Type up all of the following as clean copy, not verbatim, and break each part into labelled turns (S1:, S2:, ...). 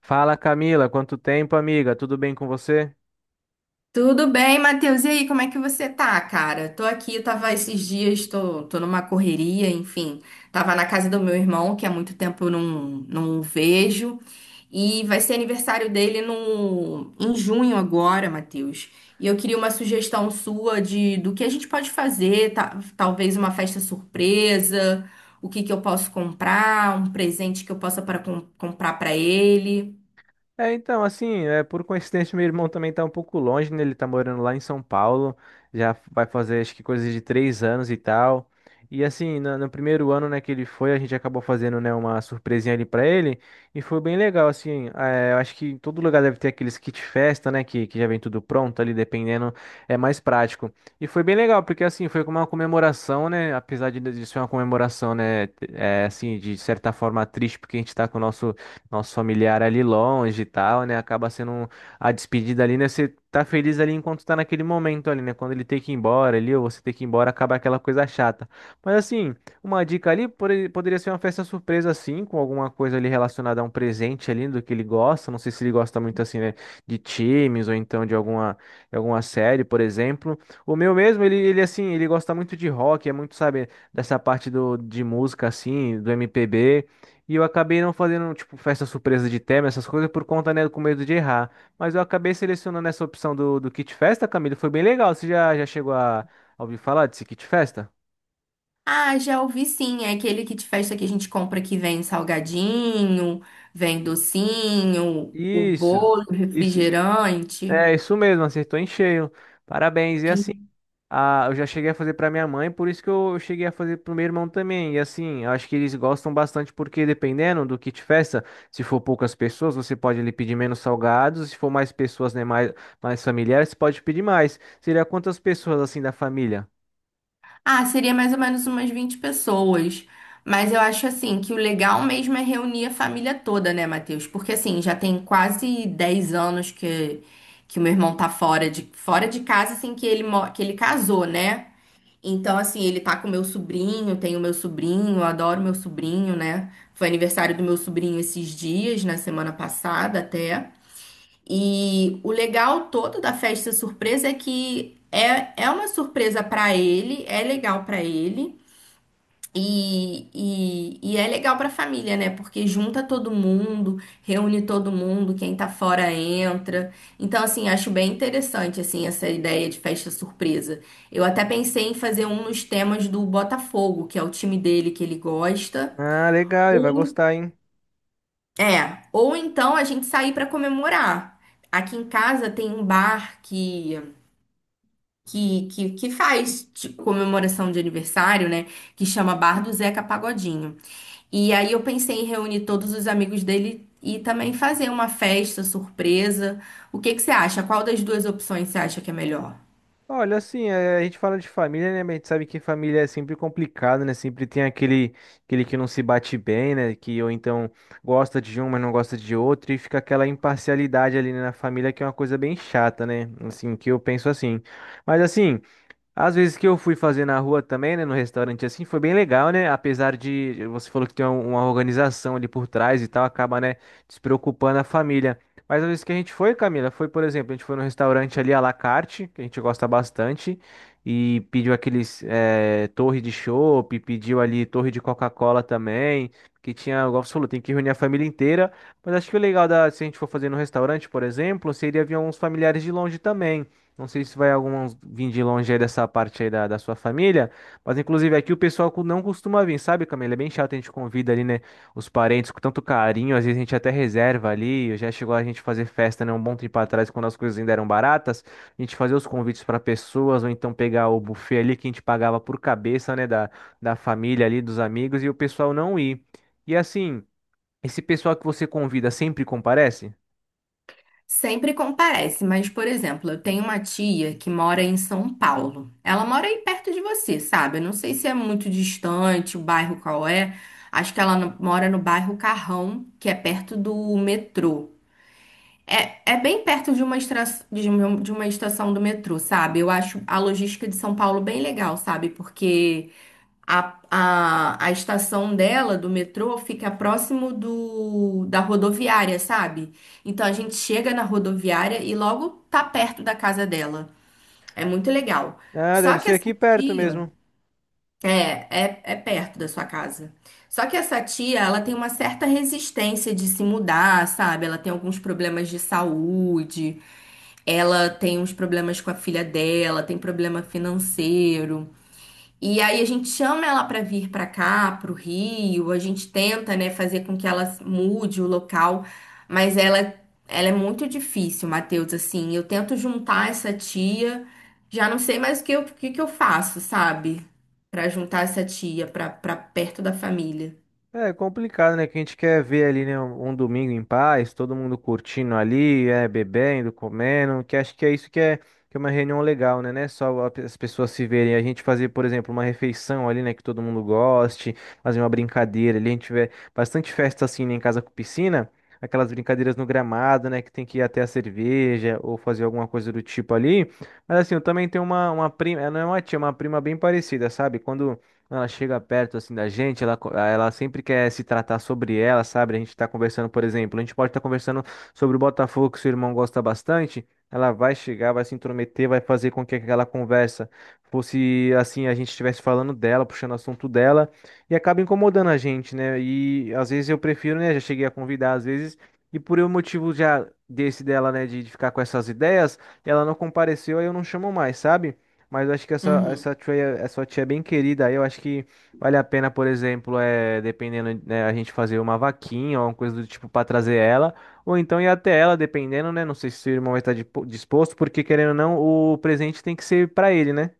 S1: Fala Camila, quanto tempo, amiga? Tudo bem com você?
S2: Tudo bem, Matheus? E aí, como é que você tá, cara? Tô aqui, tava esses dias, tô numa correria, enfim. Tava na casa do meu irmão, que há muito tempo eu não o vejo. E vai ser aniversário dele no, em junho agora, Matheus. E eu queria uma sugestão sua de do que a gente pode fazer, talvez uma festa surpresa, o que que eu posso comprar, um presente que eu possa para comprar para ele.
S1: Então, por coincidência, meu irmão também tá um pouco longe, né? Ele tá morando lá em São Paulo, já vai fazer acho que coisas de 3 anos e tal. E assim, no primeiro ano, né, que ele foi, a gente acabou fazendo, né, uma surpresinha ali pra ele, e foi bem legal, assim, eu acho que em todo lugar deve ter aqueles kit festa, né, que já vem tudo pronto ali, dependendo, é mais prático. E foi bem legal, porque assim, foi como uma comemoração, né, apesar de ser uma comemoração, né, assim, de certa forma triste, porque a gente tá com o nosso familiar ali longe e tal, né? Acaba sendo a despedida ali, né? Você tá feliz ali enquanto tá naquele momento ali, né? Quando ele tem que ir embora ali, ou você tem que ir embora, acaba aquela coisa chata. Mas assim, uma dica ali poderia ser uma festa surpresa assim, com alguma coisa ali relacionada a um presente ali do que ele gosta. Não sei se ele gosta muito assim, né? De times ou então de alguma série, por exemplo. O meu mesmo, ele assim, ele gosta muito de rock, é muito, sabe, dessa parte de música assim, do MPB. E eu acabei não fazendo, tipo, festa surpresa de tema, essas coisas, por conta, né, com medo de errar. Mas eu acabei selecionando essa opção do kit festa, Camilo. Foi bem legal. Você já chegou a ouvir falar desse kit festa?
S2: Ah, já ouvi sim. É aquele kit festa que a gente compra que vem salgadinho, vem docinho, o
S1: Isso,
S2: bolo, o
S1: isso.
S2: refrigerante.
S1: É, isso mesmo, acertou em cheio. Parabéns. E assim.
S2: E-
S1: Ah, eu já cheguei a fazer pra minha mãe, por isso que eu cheguei a fazer pro meu irmão também. E assim, eu acho que eles gostam bastante porque dependendo do kit festa, se for poucas pessoas, você pode ali pedir menos salgados, se for mais pessoas, né, mais, mais familiares, você pode pedir mais. Seria quantas pessoas assim da família?
S2: Ah, seria mais ou menos umas 20 pessoas. Mas eu acho assim que o legal mesmo é reunir a família toda, né, Matheus? Porque assim, já tem quase 10 anos que o meu irmão tá fora de casa assim que que ele casou, né? Então, assim, ele tá com meu sobrinho, tem o meu sobrinho, eu adoro meu sobrinho, né? Foi aniversário do meu sobrinho esses dias, na semana passada até. E o legal todo da festa surpresa é que é uma surpresa pra ele, é legal pra ele. E é legal para a família, né? Porque junta todo mundo, reúne todo mundo, quem tá fora entra. Então, assim, acho bem interessante, assim, essa ideia de festa surpresa. Eu até pensei em fazer um nos temas do Botafogo, que é o time dele que ele gosta.
S1: Ah, legal, ele vai
S2: Ou,
S1: gostar, hein?
S2: ou então a gente sair para comemorar. Aqui em casa tem um bar que faz tipo, comemoração de aniversário, né? Que chama Bar do Zeca Pagodinho. E aí eu pensei em reunir todos os amigos dele e também fazer uma festa surpresa. O que que você acha? Qual das duas opções você acha que é melhor?
S1: Olha, assim, é, a gente fala de família, né? Mas a gente sabe que família é sempre complicado, né? Sempre tem aquele, aquele que não se bate bem, né? Que ou então gosta de um, mas não gosta de outro, e fica aquela imparcialidade ali, né, na família, que é uma coisa bem chata, né? Assim, que eu penso assim. Mas assim. Às vezes que eu fui fazer na rua também, né, no restaurante assim, foi bem legal, né? Apesar de você falou que tem uma organização ali por trás e tal, acaba, né, despreocupando a família. Mas às vezes que a gente foi, Camila, foi, por exemplo, a gente foi no restaurante ali à la carte, que a gente gosta bastante, e pediu aqueles torre de chopp, pediu ali torre de Coca-Cola também, que tinha, igual você falou, tem que reunir a família inteira. Mas acho que o legal da, se a gente for fazer no restaurante, por exemplo, seria vir uns familiares de longe também. Não sei se vai alguns vir de longe aí dessa parte aí da sua família, mas inclusive aqui o pessoal não costuma vir, sabe, Camila? É bem chato, a gente convida ali, né, os parentes com tanto carinho, às vezes a gente até reserva ali, já chegou a gente fazer festa, né, um bom tempo atrás, quando as coisas ainda eram baratas, a gente fazia os convites para pessoas, ou então pegar o buffet ali que a gente pagava por cabeça, né, da família ali, dos amigos, e o pessoal não ir. E assim, esse pessoal que você convida sempre comparece?
S2: Sempre comparece, mas, por exemplo, eu tenho uma tia que mora em São Paulo. Ela mora aí perto de você, sabe? Eu não sei se é muito distante o bairro qual é. Acho que ela no- mora no bairro Carrão, que é perto do metrô. É, é bem perto de uma, estra- de um- de uma estação do metrô, sabe? Eu acho a logística de São Paulo bem legal, sabe? Porque a estação dela, do metrô, fica próximo da rodoviária, sabe? Então a gente chega na rodoviária e logo tá perto da casa dela. É muito legal.
S1: Ah,
S2: Só
S1: deve
S2: que
S1: ser
S2: essa
S1: aqui perto
S2: tia.
S1: mesmo.
S2: É, é, é perto da sua casa. Só que essa tia, ela tem uma certa resistência de se mudar, sabe? Ela tem alguns problemas de saúde. Ela tem uns problemas com a filha dela, tem problema financeiro. E aí a gente chama ela para vir para cá, pro Rio, a gente tenta, né, fazer com que ela mude o local, mas ela é muito difícil, Matheus, assim. Eu tento juntar essa tia, já não sei mais o que que eu faço, sabe? Para juntar essa tia para perto da família.
S1: É complicado, né? Que a gente quer ver ali, né? Um domingo em paz, todo mundo curtindo ali, é, bebendo, comendo, que acho que é isso que é uma reunião legal, né? Não é só a as pessoas se verem, a gente fazer, por exemplo, uma refeição ali, né? Que todo mundo goste, fazer uma brincadeira ali, a gente tiver bastante festa assim, né, em casa com piscina, aquelas brincadeiras no gramado, né? Que tem que ir até a cerveja ou fazer alguma coisa do tipo ali. Mas assim, eu também tenho uma prima, ela não é uma tia, é uma prima bem parecida, sabe? Quando ela chega perto assim da gente, ela sempre quer se tratar sobre ela, sabe? A gente tá conversando, por exemplo, a gente pode estar conversando sobre o Botafogo que seu irmão gosta bastante. Ela vai chegar, vai se intrometer, vai fazer com que aquela conversa fosse assim, a gente estivesse falando dela, puxando o assunto dela, e acaba incomodando a gente, né? E às vezes eu prefiro, né? Já cheguei a convidar às vezes, e por um motivo já desse dela, né, de ficar com essas ideias, ela não compareceu, aí eu não chamo mais, sabe? Mas eu acho que
S2: Uhum.
S1: essa tia é bem querida. Aí eu acho que vale a pena, por exemplo, é, dependendo, né, a gente fazer uma vaquinha ou uma coisa do tipo para trazer ela. Ou então ir até ela, dependendo, né? Não sei se o irmão vai estar disposto, porque querendo ou não, o presente tem que ser para ele, né?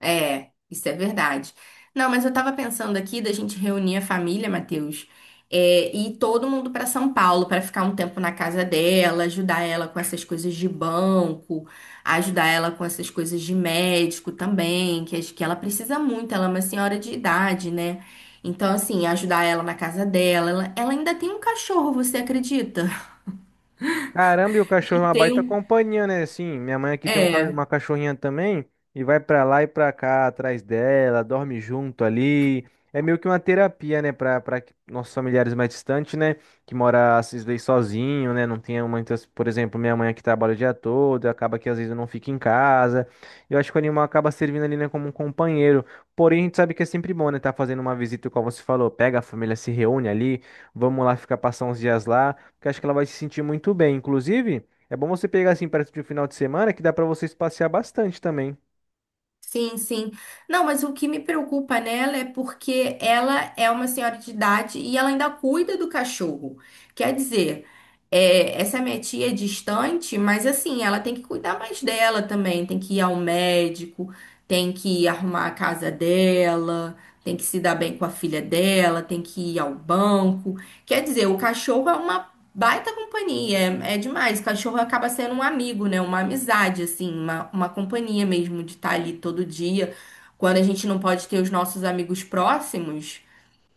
S2: É, isso é verdade. Não, mas eu tava pensando aqui da gente reunir a família, Matheus, e ir todo mundo pra São Paulo pra ficar um tempo na casa dela, ajudar ela com essas coisas de banco, ajudar ela com essas coisas de médico também, que acho que ela precisa muito, ela é uma senhora de idade, né? Então, assim, ajudar ela na casa dela. Ela ainda tem um cachorro, você acredita?
S1: Caramba, e o cachorro é uma
S2: Tem
S1: baita
S2: um.
S1: companhia, né? Assim, minha mãe aqui tem
S2: É.
S1: uma cachorrinha também e vai pra lá e pra cá atrás dela, dorme junto ali. É meio que uma terapia, né, pra para nossos familiares mais distantes, né, que mora às vezes sozinho, né, não tem muitas, por exemplo, minha mãe aqui trabalha o dia todo, acaba que às vezes eu não fico em casa. Eu acho que o animal acaba servindo ali, né, como um companheiro. Porém, a gente sabe que é sempre bom, né, tá fazendo uma visita, como você falou, pega a família, se reúne ali, vamos lá ficar passar uns dias lá que acho que ela vai se sentir muito bem. Inclusive, é bom você pegar assim perto de um final de semana que dá pra vocês passear bastante também.
S2: Sim, sim. Não, mas o que me preocupa nela é porque ela é uma senhora de idade e ela ainda cuida do cachorro. Quer dizer, essa é minha tia é distante, mas assim, ela tem que cuidar mais dela também. Tem que ir ao médico, tem que arrumar a casa dela, tem que se dar bem com a filha dela, tem que ir ao banco. Quer dizer, o cachorro é uma baita companhia, é é demais. Cachorro acaba sendo um amigo, né? Uma amizade, assim, uma companhia mesmo de estar ali todo dia. Quando a gente não pode ter os nossos amigos próximos,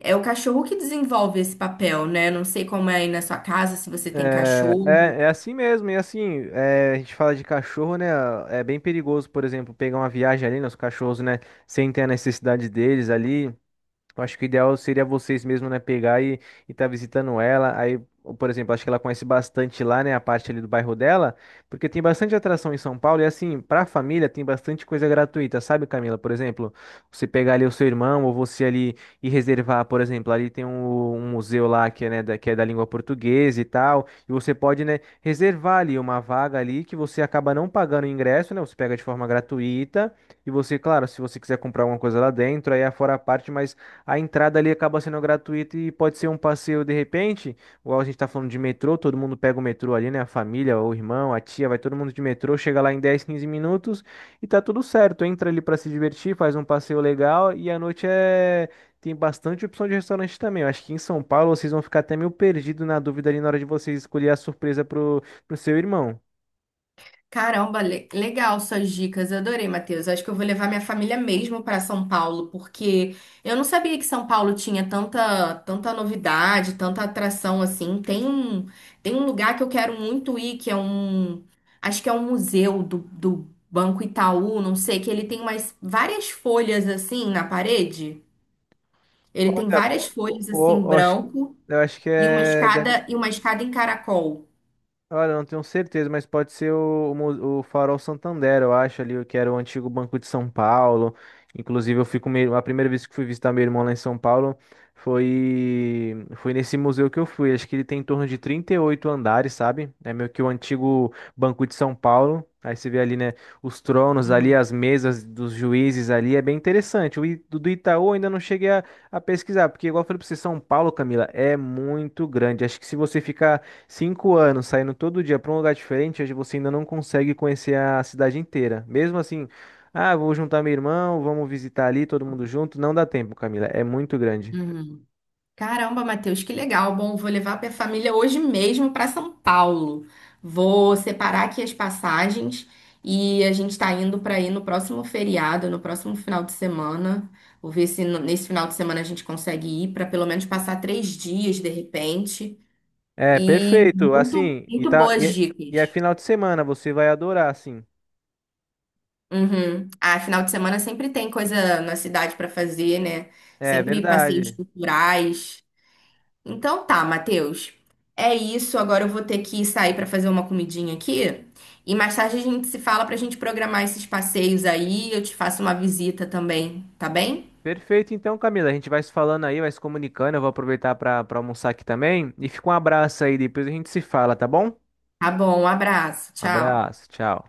S2: é o cachorro que desenvolve esse papel, né? Não sei como é aí na sua casa, se você tem cachorro.
S1: É assim mesmo, e assim, é, a gente fala de cachorro, né? É bem perigoso, por exemplo, pegar uma viagem ali nos cachorros, né? Sem ter a necessidade deles ali. Eu acho que o ideal seria vocês mesmo, né, pegar e estar visitando ela. Aí, ou, por exemplo, acho que ela conhece bastante lá, né, a parte ali do bairro dela, porque tem bastante atração em São Paulo e assim, pra família tem bastante coisa gratuita, sabe, Camila? Por exemplo, você pegar ali o seu irmão ou você ali e reservar, por exemplo, ali tem um museu lá que é, né, que é da língua portuguesa e tal, e você pode, né, reservar ali uma vaga ali que você acaba não pagando o ingresso, né? Você pega de forma gratuita e você, claro, se você quiser comprar alguma coisa lá dentro, aí é fora a parte, mas a entrada ali acaba sendo gratuita e pode ser um passeio de repente, igual a gente tá falando de metrô, todo mundo pega o metrô ali, né? A família, o irmão, a tia, vai todo mundo de metrô, chega lá em 10 15 minutos e tá tudo certo. Entra ali pra se divertir, faz um passeio legal e à noite tem bastante opção de restaurante também. Eu acho que em São Paulo vocês vão ficar até meio perdido na dúvida ali na hora de vocês escolher a surpresa pro seu irmão.
S2: Caramba, legal suas dicas, eu adorei, Matheus. Acho que eu vou levar minha família mesmo para São Paulo, porque eu não sabia que São Paulo tinha tanta, tanta novidade, tanta atração assim. Tem um lugar que eu quero muito ir, que é acho que é um museu do Banco Itaú, não sei, que ele tem umas várias folhas assim na parede. Ele tem
S1: Olha,
S2: várias
S1: pô,
S2: folhas assim
S1: eu acho que
S2: branco
S1: eu acho que
S2: e
S1: é, deve.
S2: uma escada em caracol.
S1: Olha, eu não tenho certeza, mas pode ser o Farol Santander, eu acho ali, que era o antigo Banco de São Paulo. Inclusive, eu fico meio, a primeira vez que fui visitar meu irmão lá em São Paulo foi nesse museu que eu fui. Acho que ele tem em torno de 38 andares, sabe? É meio que o antigo Banco de São Paulo. Aí você vê ali, né, os tronos ali,
S2: Uhum.
S1: as mesas dos juízes ali, é bem interessante. Do do Itaú eu ainda não cheguei a pesquisar, porque igual eu falei pra você, São Paulo, Camila, é muito grande. Acho que se você ficar 5 anos saindo todo dia para um lugar diferente, hoje você ainda não consegue conhecer a cidade inteira. Mesmo assim, ah, vou juntar meu irmão, vamos visitar ali, todo mundo junto. Não dá tempo, Camila, é muito grande.
S2: Uhum. Caramba, Matheus, que legal. Bom, vou levar minha família hoje mesmo para São Paulo. Vou separar aqui as passagens e a gente está indo para ir no próximo feriado, no próximo final de semana. Vou ver se nesse final de semana a gente consegue ir para pelo menos passar 3 dias de repente.
S1: É,
S2: E
S1: perfeito,
S2: muito,
S1: assim,
S2: muito boas
S1: e é
S2: dicas.
S1: final de semana, você vai adorar, assim.
S2: Uhum. Ah, final de semana sempre tem coisa na cidade para fazer, né?
S1: É
S2: Sempre passeios
S1: verdade.
S2: culturais. Então tá, Matheus. É isso. Agora eu vou ter que sair pra fazer uma comidinha aqui. E mais tarde a gente se fala pra gente programar esses passeios aí. Eu te faço uma visita também, tá bem?
S1: Perfeito, então, Camila, a gente vai se falando aí, vai se comunicando. Eu vou aproveitar para almoçar aqui também. E fica um abraço aí, depois a gente se fala, tá bom? Um
S2: Tá bom, um abraço. Tchau.
S1: abraço, tchau.